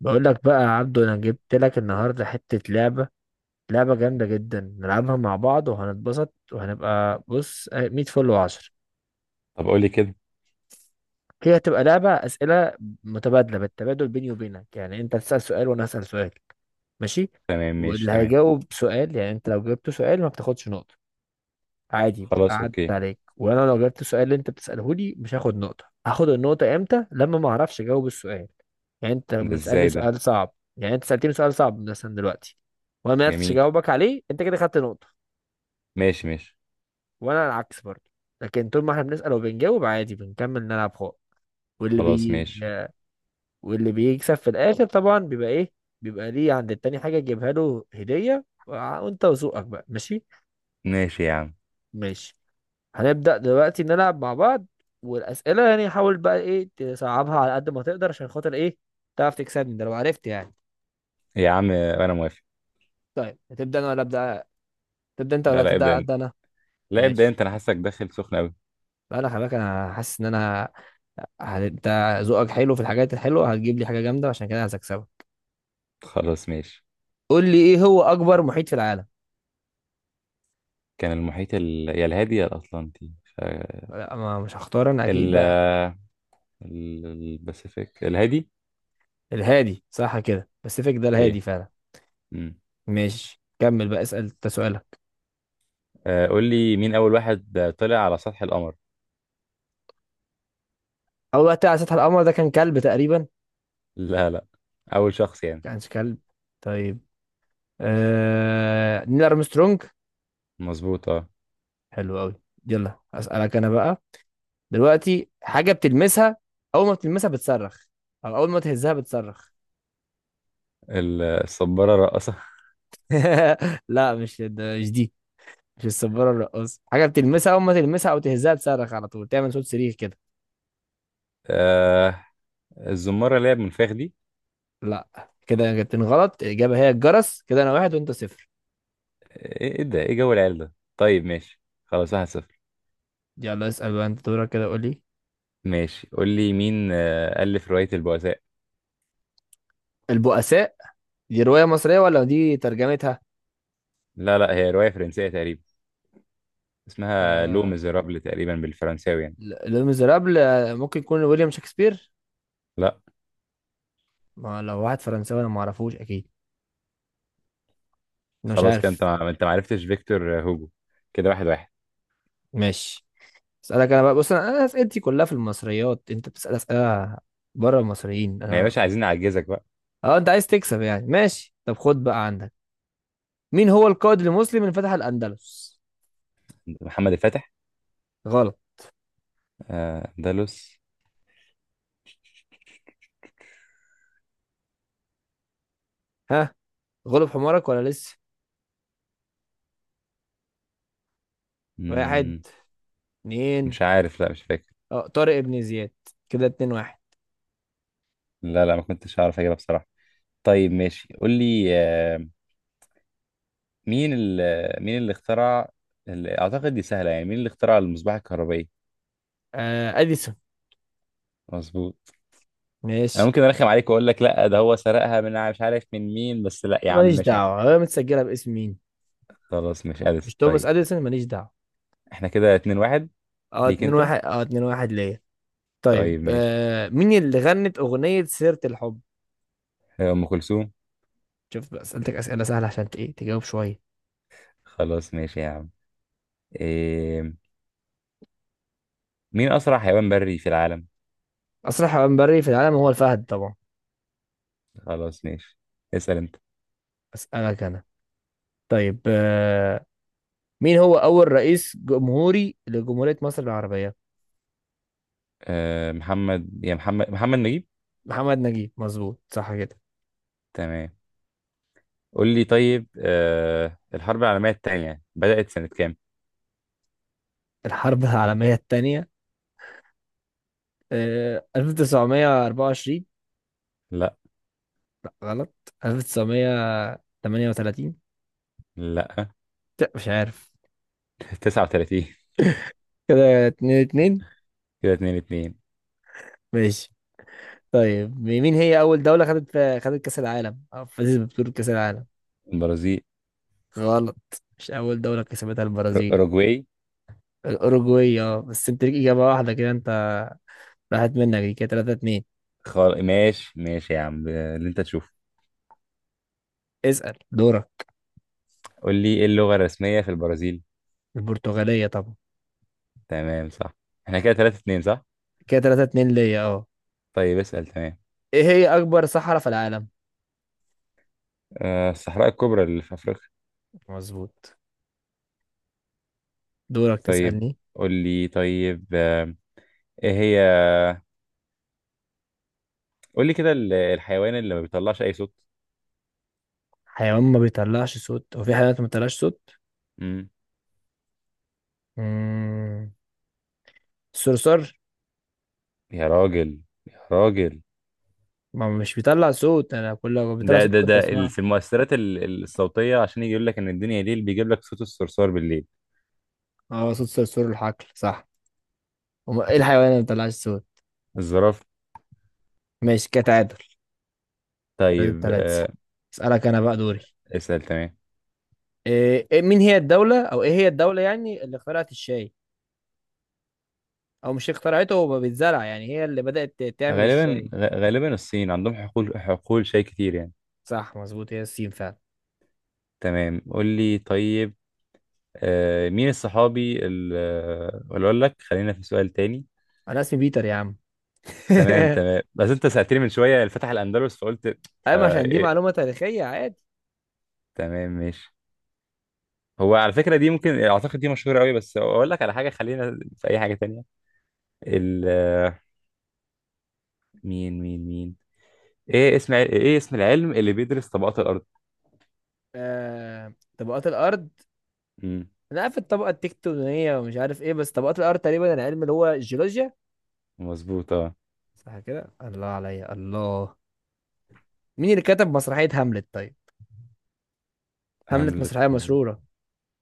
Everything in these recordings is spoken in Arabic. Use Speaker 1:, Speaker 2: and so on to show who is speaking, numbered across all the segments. Speaker 1: بقول لك بقى يا عبدو، انا جبت لك النهارده حته لعبه. لعبه جامده جدا، نلعبها مع بعض وهنتبسط وهنبقى بص 100 فل و10.
Speaker 2: طب، قولي كده.
Speaker 1: هي هتبقى لعبه اسئله متبادله، بالتبادل بيني وبينك. يعني انت تسال سؤال وانا اسال سؤال. ماشي.
Speaker 2: تمام، ماشي،
Speaker 1: واللي
Speaker 2: تمام.
Speaker 1: هيجاوب سؤال، يعني انت لو جاوبت سؤال ما بتاخدش نقطه، عادي بتبقى
Speaker 2: خلاص،
Speaker 1: عدت
Speaker 2: اوكي.
Speaker 1: عليك. وانا لو جبت السؤال اللي انت بتساله لي مش هاخد نقطه. هاخد النقطه امتى؟ لما ما اعرفش اجاوب السؤال. يعني انت
Speaker 2: ده
Speaker 1: لما تسالني
Speaker 2: ازاي ده؟
Speaker 1: سؤال صعب، يعني انت سالتني سؤال صعب مثلا دلوقتي وانا ما عرفتش
Speaker 2: جميل.
Speaker 1: اجاوبك عليه، انت كده خدت نقطه.
Speaker 2: ماشي، ماشي.
Speaker 1: وانا العكس برضه. لكن طول ما احنا بنسال وبنجاوب عادي بنكمل نلعب خالص. واللي
Speaker 2: خلاص،
Speaker 1: بي
Speaker 2: ماشي.
Speaker 1: واللي بيكسب في الاخر طبعا بيبقى ايه؟ بيبقى ليه عند التاني حاجه تجيبها له هديه. وانت وذوقك بقى ماشي.
Speaker 2: ماشي يا عم.
Speaker 1: ماشي. هنبدأ دلوقتي نلعب مع بعض. والأسئلة يعني حاول بقى إيه تصعبها على قد ما تقدر عشان خاطر إيه، تعرف تكسبني، ده لو عرفت يعني.
Speaker 2: يا عم، انا موافق.
Speaker 1: طيب هتبدأ أنا ولا أبدأ؟ تبدأ أنت ولا
Speaker 2: لا، لا، ابدأ
Speaker 1: تبدأ
Speaker 2: انت.
Speaker 1: أبدأ أنا؟
Speaker 2: لا، ابدأ
Speaker 1: ماشي.
Speaker 2: انت، انا حاسك داخل سخن قوي.
Speaker 1: بقى أنا خلي بالك، أنا حاسس إن أنا أنت ذوقك حلو في الحاجات الحلوة، هتجيب لي حاجة جامدة، عشان كده أنا هكسبك.
Speaker 2: خلاص، ماشي.
Speaker 1: قول لي إيه هو أكبر محيط في العالم؟
Speaker 2: كان المحيط يا الهادي يا الاطلنطي.
Speaker 1: لا ما مش هختار أنا أكيد
Speaker 2: ال...
Speaker 1: بقى.
Speaker 2: الباسيفيك، الهادي.
Speaker 1: الهادي صح كده، باسيفيك ده الهادي
Speaker 2: اوكي.
Speaker 1: فعلا.
Speaker 2: امم.
Speaker 1: ماشي، كمل بقى اسأل أنت سؤالك.
Speaker 2: قول لي، مين اول واحد طلع على سطح القمر؟
Speaker 1: أول وقت على سطح القمر ده كان كلب تقريبا.
Speaker 2: لا، لا، اول شخص يعني.
Speaker 1: كانش كلب. طيب، نيل ارمسترونج.
Speaker 2: مظبوط، اه.
Speaker 1: حلو قوي. يلا اسالك انا بقى. دلوقتي حاجه بتلمسها، اول ما بتلمسها بتصرخ، او اول ما تهزها بتصرخ.
Speaker 2: الصبارة الراقصة.
Speaker 1: لا مش ده، مش دي، مش السبوره الرقاصه. حاجه بتلمسها اول ما تلمسها او تهزها تصرخ على طول، تعمل صوت صريخ كده.
Speaker 2: آه، الزمارة اللي هي بمنفاخ دي.
Speaker 1: لا، كده جبتين غلط، الاجابه هي الجرس. كده انا واحد وانت صفر.
Speaker 2: ايه ده، ايه جو العيال ده؟ طيب، ماشي، خلاص، 1-0.
Speaker 1: يلا اسال بقى، انت دورك، كده قول لي.
Speaker 2: ماشي، قول لي، مين ألف رواية البؤساء؟
Speaker 1: البؤساء؟ دي روايه مصريه ولا دي ترجمتها؟
Speaker 2: لا، لا، هي رواية فرنسية تقريبا. اسمها لو
Speaker 1: آه...
Speaker 2: ميزيرابل تقريبا بالفرنساوي يعني.
Speaker 1: لو ميزرابل. ممكن يكون ويليام شكسبير.
Speaker 2: لا.
Speaker 1: ما لو واحد فرنساوي انا ما اعرفوش اكيد، انا مش
Speaker 2: خلاص كده، انت
Speaker 1: عارف.
Speaker 2: ما انت ما عرفتش فيكتور هوجو. كده 1-1.
Speaker 1: ماشي. اسالك انا بقى. بص، انا اسئلتي كلها في المصريات، انت بتسال اسئله بره المصريين
Speaker 2: ما يا
Speaker 1: انا.
Speaker 2: باشا، عايزين نعجزك بقى.
Speaker 1: اه، انت عايز تكسب يعني. ماشي، طب خد بقى عندك. مين هو القائد المسلم اللي فتح الاندلس؟
Speaker 2: محمد الفاتح.
Speaker 1: غلط.
Speaker 2: اندلس.
Speaker 1: ها، غلب حمارك ولا لسه؟ واحد،
Speaker 2: مم.
Speaker 1: اتنين.
Speaker 2: مش عارف، لا، مش فاكر.
Speaker 1: اه، طارق ابن زياد. كده اتنين واحد.
Speaker 2: لا، لا، ما كنتش هعرف اجيبها بصراحة. طيب، ماشي، قول لي، مين اللي اخترع، اللي اعتقد دي سهله يعني، مين اللي اخترع المصباح الكهربائي؟
Speaker 1: آه اديسون.
Speaker 2: مظبوط. انا
Speaker 1: ماشي،
Speaker 2: ممكن ارخم عليك واقول لك لا، ده هو سرقها من مش عارف من مين، بس لا يا عم،
Speaker 1: ماليش
Speaker 2: مش
Speaker 1: دعوه
Speaker 2: عارف.
Speaker 1: انا متسجله باسم مين.
Speaker 2: خلاص، مش اديسون،
Speaker 1: مش توماس
Speaker 2: طيب.
Speaker 1: اديسون، ماليش دعوه.
Speaker 2: احنا كده 2-1.
Speaker 1: اه
Speaker 2: ليك
Speaker 1: اتنين
Speaker 2: انت.
Speaker 1: واحد، اه اتنين واحد ليا. طيب،
Speaker 2: طيب، ماشي،
Speaker 1: آه، مين اللي غنت أغنية سيرة الحب؟
Speaker 2: هي ام كلثوم.
Speaker 1: شوف بقى، سألتك أسئلة سهلة عشان إيه، تجاوب شوية.
Speaker 2: خلاص، ماشي يا عم. إيه... مين اسرع حيوان بري في العالم؟
Speaker 1: أسرع حيوان بري في العالم هو الفهد طبعا.
Speaker 2: خلاص، ماشي. اسال انت.
Speaker 1: أسألك أنا. طيب، آه، مين هو أول رئيس جمهوري لجمهورية مصر العربية؟
Speaker 2: محمد يا محمد محمد نجيب.
Speaker 1: محمد نجيب، مظبوط صح كده.
Speaker 2: تمام، قول لي طيب، الحرب العالميه الثانيه بدات سنه كام؟
Speaker 1: الحرب العالمية التانية، آه، 1924.
Speaker 2: لا
Speaker 1: لا غلط. 1938.
Speaker 2: لا.
Speaker 1: لا مش عارف.
Speaker 2: 39.
Speaker 1: كده اتنين اتنين.
Speaker 2: كده 2-2.
Speaker 1: ماشي. طيب، مين هي أول دولة خدت، خدت كأس العالم أو فازت ببطولة كأس العالم؟
Speaker 2: البرازيل.
Speaker 1: غلط. مش أول دولة كسبتها البرازيل.
Speaker 2: اوروجواي.
Speaker 1: الأوروجواي، اه، بس أنت ليك إجابة واحدة كده، أنت راحت منك دي. كده 3-2.
Speaker 2: ماشي، ماشي يا عم، اللي انت تشوفه.
Speaker 1: اسأل دورك.
Speaker 2: قول لي، ايه اللغة الرسمية في البرازيل؟
Speaker 1: البرتغالية طبعا.
Speaker 2: تمام، صح. احنا كده 3-2، صح.
Speaker 1: كده 3-2 ليا اه.
Speaker 2: طيب، اسأل، تمام.
Speaker 1: إيه هي أكبر صحراء في العالم؟
Speaker 2: الصحراء الكبرى اللي في افريقيا.
Speaker 1: مظبوط. دورك
Speaker 2: طيب،
Speaker 1: تسألني.
Speaker 2: قول لي طيب، ايه هي، قول لي كده، الحيوان اللي ما بيطلعش اي صوت؟
Speaker 1: حيوان ما بيطلعش صوت. هو في حيوانات ما بتطلعش صوت؟
Speaker 2: امم.
Speaker 1: مم. الصرصار.
Speaker 2: يا راجل، يا راجل.
Speaker 1: ما هو مش بيطلع صوت، أنا كل لو بيطلع
Speaker 2: ده
Speaker 1: صوت
Speaker 2: ده
Speaker 1: كنت
Speaker 2: ده ال-
Speaker 1: أسمعه.
Speaker 2: في المؤثرات الصوتية، عشان يجي يقول لك ان الدنيا ليل، بيجيب لك صوت الصرصار بالليل.
Speaker 1: اه صوت صرصور الحقل صح. ايه الحيوان اللي ما بيطلعش صوت؟
Speaker 2: الزرافة.
Speaker 1: ماشي كتعادل. تلاتة
Speaker 2: طيب،
Speaker 1: تلاتة. اسألك انا بقى دوري.
Speaker 2: اسأل، تمام.
Speaker 1: مين هي الدولة او ايه هي الدولة يعني اللي اخترعت الشاي؟ او مش اخترعته، هو بيتزرع يعني، هي اللي بدأت تعمل
Speaker 2: غالبا
Speaker 1: الشاي.
Speaker 2: غ- غالبا الصين، عندهم حقول حقول شاي كتير يعني.
Speaker 1: صح مظبوط، هي الصين فعلا.
Speaker 2: تمام، قول لي طيب، مين الصحابي اللي، اقول لك خلينا في سؤال تاني.
Speaker 1: انا اسمي بيتر يا عم.
Speaker 2: تمام، تمام، بس انت سألتني من شوية اللي فتح الأندلس فقلت.
Speaker 1: ايوه،
Speaker 2: فا
Speaker 1: عشان دي
Speaker 2: إيه.
Speaker 1: معلومة تاريخية عادي.
Speaker 2: تمام، ماشي. هو على فكرة دي، ممكن أعتقد دي مشهورة قوي، بس أقول لك على حاجة، خلينا في أي حاجة تانية. ال آه، مين إيه اسم العلم اللي بيدرس طبقات الأرض؟
Speaker 1: طبقات الارض.
Speaker 2: مم.
Speaker 1: انا عارف الطبقة التكتونية ومش عارف ايه، بس طبقات الارض تقريبا العلم اللي هو الجيولوجيا.
Speaker 2: مظبوط، أه.
Speaker 1: صح كده، الله عليا الله. مين اللي كتب مسرحية هاملت طيب؟ هاملت
Speaker 2: هاملت،
Speaker 1: مسرحية
Speaker 2: هاملت.
Speaker 1: مشهورة.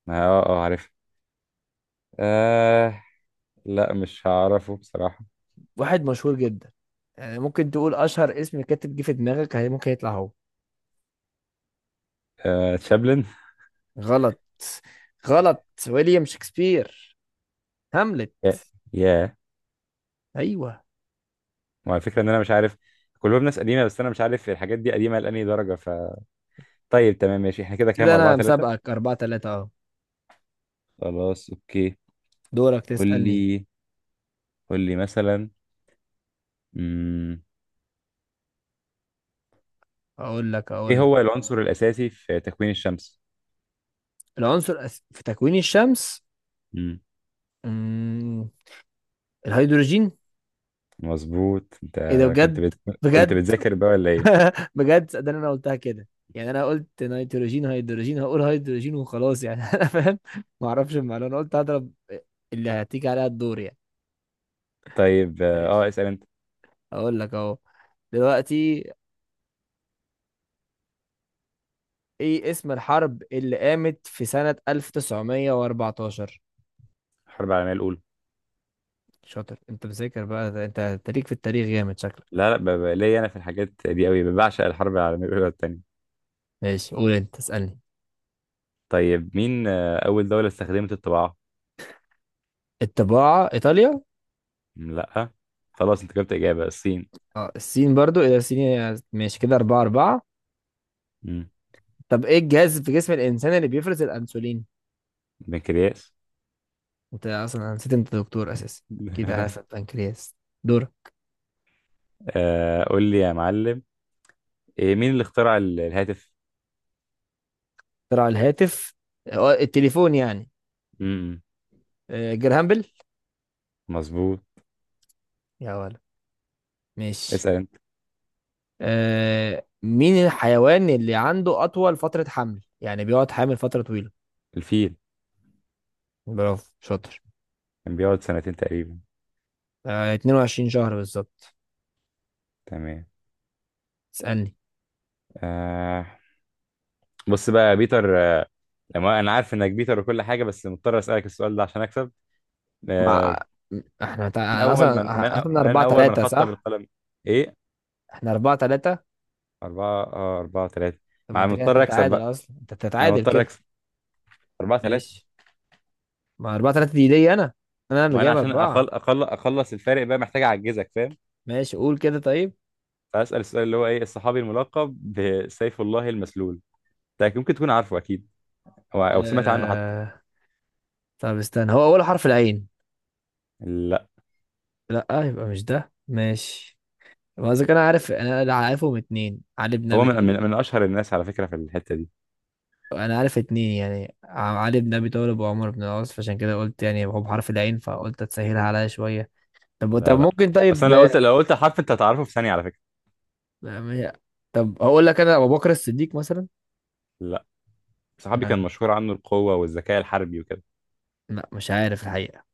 Speaker 2: عارف. آه لا، مش هعرفه بصراحة.
Speaker 1: واحد مشهور جدا، يعني ممكن تقول اشهر اسم كاتب جه في دماغك ممكن يطلع هو.
Speaker 2: تشابلن.
Speaker 1: غلط. غلط، ويليام شكسبير. هاملت.
Speaker 2: يا، يا.
Speaker 1: ايوه.
Speaker 2: وعلى فكرة ان انا مش عارف. كلهم ناس قديمة، بس انا مش عارف الحاجات دي قديمة لأنهي درجة طيب، تمام، ماشي، احنا كده كام؟
Speaker 1: كده
Speaker 2: أربعة
Speaker 1: انا
Speaker 2: ثلاثة
Speaker 1: مسابقك أربعة تلاتة اهو.
Speaker 2: خلاص، اوكي.
Speaker 1: دورك
Speaker 2: قول
Speaker 1: تسألني.
Speaker 2: لي قول لي مثلا. مم.
Speaker 1: اقول لك
Speaker 2: ايه
Speaker 1: اقول لك
Speaker 2: هو العنصر الأساسي في تكوين الشمس؟
Speaker 1: العنصر في تكوين الشمس.
Speaker 2: مم.
Speaker 1: مم، الهيدروجين.
Speaker 2: مظبوط، انت.
Speaker 1: ايه ده
Speaker 2: كنت
Speaker 1: بجد؟
Speaker 2: بت... كنت
Speaker 1: بجد.
Speaker 2: بتذاكر بقى ولا ايه؟
Speaker 1: بجد، ده انا قلتها كده يعني. انا قلت نيتروجين هيدروجين، هقول هيدروجين وخلاص يعني. انا فاهم. ما اعرفش المعلومه، أنا قلت هضرب، اللي هتيجي عليها الدور.
Speaker 2: طيب،
Speaker 1: يعني
Speaker 2: اسأل انت.
Speaker 1: اقول لك اهو. دلوقتي، ايه اسم الحرب اللي قامت في سنة 1914؟
Speaker 2: الحرب العالمية الأولى.
Speaker 1: شاطر، انت مذاكر بقى، ده انت تاريخ في التاريخ جامد شكلك.
Speaker 2: لا، لا، ليا انا في الحاجات دي قوي، بعشق الحرب العالمية الأولى والتانية.
Speaker 1: ماشي، قول انت اسألني.
Speaker 2: طيب، مين أول دولة استخدمت الطباعة؟
Speaker 1: الطباعة، ايطاليا.
Speaker 2: مم، لأ. خلاص، أنت جبت إجابة الصين.
Speaker 1: اه، الصين، برضو الى الصين. ماشي، كده اربعة اربعة.
Speaker 2: مم.
Speaker 1: طب ايه الجهاز في جسم الانسان اللي بيفرز الانسولين؟
Speaker 2: بنكرياس.
Speaker 1: انت اصلا نسيت انت دكتور اساسا، كده عارف البنكرياس. دور.
Speaker 2: قول لي يا معلم، مين اللي اخترع الهاتف؟
Speaker 1: اخترع الهاتف. اه، التليفون يعني.
Speaker 2: مم،
Speaker 1: اه، جرهامبل.
Speaker 2: مظبوط.
Speaker 1: يا ولد، ماشي.
Speaker 2: اسأل أنت.
Speaker 1: آه، مين الحيوان اللي عنده أطول فترة حمل، يعني بيقعد حامل فترة طويلة؟
Speaker 2: الفيل.
Speaker 1: برافو شاطر.
Speaker 2: كان بيقعد سنتين تقريبا.
Speaker 1: آه، 22 شهر بالظبط.
Speaker 2: تمام.
Speaker 1: اسألني.
Speaker 2: آه بص بقى يا بيتر، لما أنا عارف إنك بيتر وكل حاجة، بس مضطر أسألك السؤال ده عشان أكسب. آه
Speaker 1: مع، اصلا اصلا
Speaker 2: من
Speaker 1: 4
Speaker 2: أول من
Speaker 1: 3
Speaker 2: خط
Speaker 1: صح.
Speaker 2: بالقلم؟ إيه؟
Speaker 1: احنا 4-3.
Speaker 2: 4-3.
Speaker 1: طب ما
Speaker 2: مع،
Speaker 1: انت كده
Speaker 2: مضطر أكسب
Speaker 1: بتتعادل
Speaker 2: بقى.
Speaker 1: اصلا، انت
Speaker 2: أنا
Speaker 1: بتتعادل
Speaker 2: مضطر
Speaker 1: كده.
Speaker 2: أكسب. 4-3.
Speaker 1: ماشي، ما 4-3 دي ليا انا اللي
Speaker 2: ما أنا
Speaker 1: جايب
Speaker 2: عشان
Speaker 1: 4.
Speaker 2: أخلص الفارق بقى، محتاج أعجزك، فاهم؟
Speaker 1: ماشي، قول كده طيب.
Speaker 2: فأسأل السؤال اللي هو، إيه الصحابي الملقب بسيف الله المسلول؟ ده ممكن تكون عارفه أكيد. أو سمعت عنه حتى.
Speaker 1: آه... طب استنى، هو اول حرف العين؟
Speaker 2: لا.
Speaker 1: لا يبقى مش ده، ماشي. هو قصدك انا عارف، انا اللي عارفهم اتنين علي بن
Speaker 2: هو
Speaker 1: ابي
Speaker 2: من من,
Speaker 1: طالب.
Speaker 2: من أشهر الناس على فكرة في الحتة دي.
Speaker 1: انا عارف اتنين يعني، علي بن ابي طالب وعمر بن العاص، فعشان كده قلت يعني هو بحرف العين، فقلت تسهلها عليا شويه. طب
Speaker 2: لا،
Speaker 1: طب
Speaker 2: لا.
Speaker 1: ممكن
Speaker 2: بس
Speaker 1: طيب،
Speaker 2: أنا لو قلت لو قلت حرف، أنت هتعرفه في ثانية على فكرة.
Speaker 1: يعني- طب هقول لك انا ابو بكر الصديق مثلا
Speaker 2: لا. صحابي كان
Speaker 1: يعني.
Speaker 2: مشهور عنه القوة والذكاء الحربي وكده.
Speaker 1: لا مش عارف الحقيقه.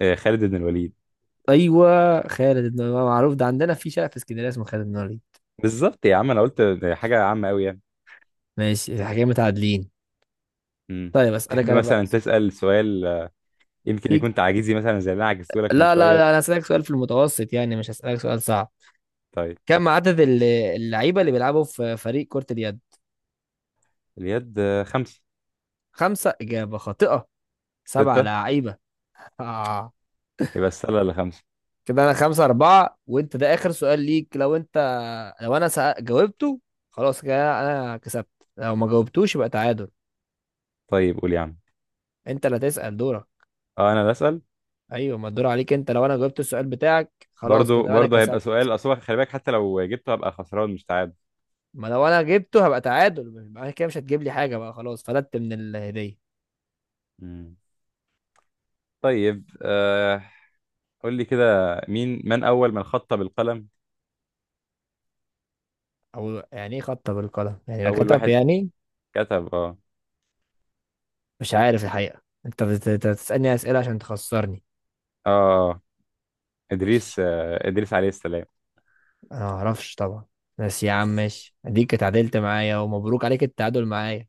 Speaker 2: خالد بن الوليد.
Speaker 1: ايوه، خالد بن الوليد معروف، ده عندنا في شارع في اسكندريه اسمه خالد بن الوليد.
Speaker 2: بالظبط يا عم، أنا قلت حاجة عامة أوي يعني.
Speaker 1: ماشي، الحكايه متعادلين.
Speaker 2: مم.
Speaker 1: طيب
Speaker 2: تحب
Speaker 1: اسالك انا بقى.
Speaker 2: مثلا تسأل سؤال يمكن
Speaker 1: في،
Speaker 2: يكون تعجيزي مثلا زي اللي أنا عجزته لك من
Speaker 1: لا لا
Speaker 2: شوية.
Speaker 1: لا انا هسالك سؤال في المتوسط يعني، مش هسالك سؤال صعب.
Speaker 2: طيب.
Speaker 1: كم عدد اللعيبه اللي بيلعبوا في فريق كره اليد؟
Speaker 2: اليد، خمسة.
Speaker 1: خمسه اجابه خاطئه، سبعه
Speaker 2: ستة.
Speaker 1: لعيبه. آه.
Speaker 2: يبقى السلة اللي خمسة.
Speaker 1: كده انا خمسة أربعة، وانت ده آخر سؤال ليك، لو انت، جاوبته خلاص كده انا كسبت، لو ما جاوبتوش يبقى تعادل.
Speaker 2: طيب، قول يا عم.
Speaker 1: انت اللي هتسأل دورك.
Speaker 2: اه، انا بسأل.
Speaker 1: ايوه، ما الدور عليك انت. لو انا جاوبت السؤال بتاعك خلاص
Speaker 2: برضو،
Speaker 1: كده انا
Speaker 2: برضو هيبقى
Speaker 1: كسبت،
Speaker 2: سؤال، اصل هو خلي بالك، حتى لو جبته هبقى خسران مش تعادل.
Speaker 1: ما لو انا جبته هبقى تعادل، يبقى كده مش هتجيب لي حاجة بقى، خلاص فلت من الهدية.
Speaker 2: مم. طيب، قول لي كده، مين، من اول من خط بالقلم؟
Speaker 1: او يعني ايه خطة بالقلم، يعني لو
Speaker 2: اول
Speaker 1: كتب
Speaker 2: واحد
Speaker 1: يعني؟
Speaker 2: كتب
Speaker 1: مش عارف الحقيقة، انت بتسألني أسئلة عشان تخسرني.
Speaker 2: اه ادريس عليه السلام.
Speaker 1: انا ما اعرفش طبعا. بس يا عم ماشي، اديك اتعادلت معايا، ومبروك عليك التعادل معايا.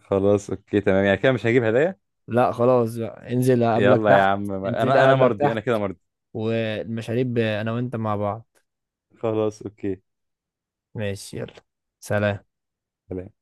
Speaker 2: خلاص، اوكي، تمام، يعني كده مش هجيب هدايا.
Speaker 1: لا خلاص بقى، انزل اقابلك
Speaker 2: يلا يا
Speaker 1: تحت.
Speaker 2: عم،
Speaker 1: انزل
Speaker 2: انا
Speaker 1: اقابلك
Speaker 2: مرضي،
Speaker 1: تحت
Speaker 2: انا كده مرضي.
Speaker 1: والمشاريب انا وانت مع بعض.
Speaker 2: خلاص، اوكي.
Speaker 1: ماشي، يلا. سلام.
Speaker 2: سلام.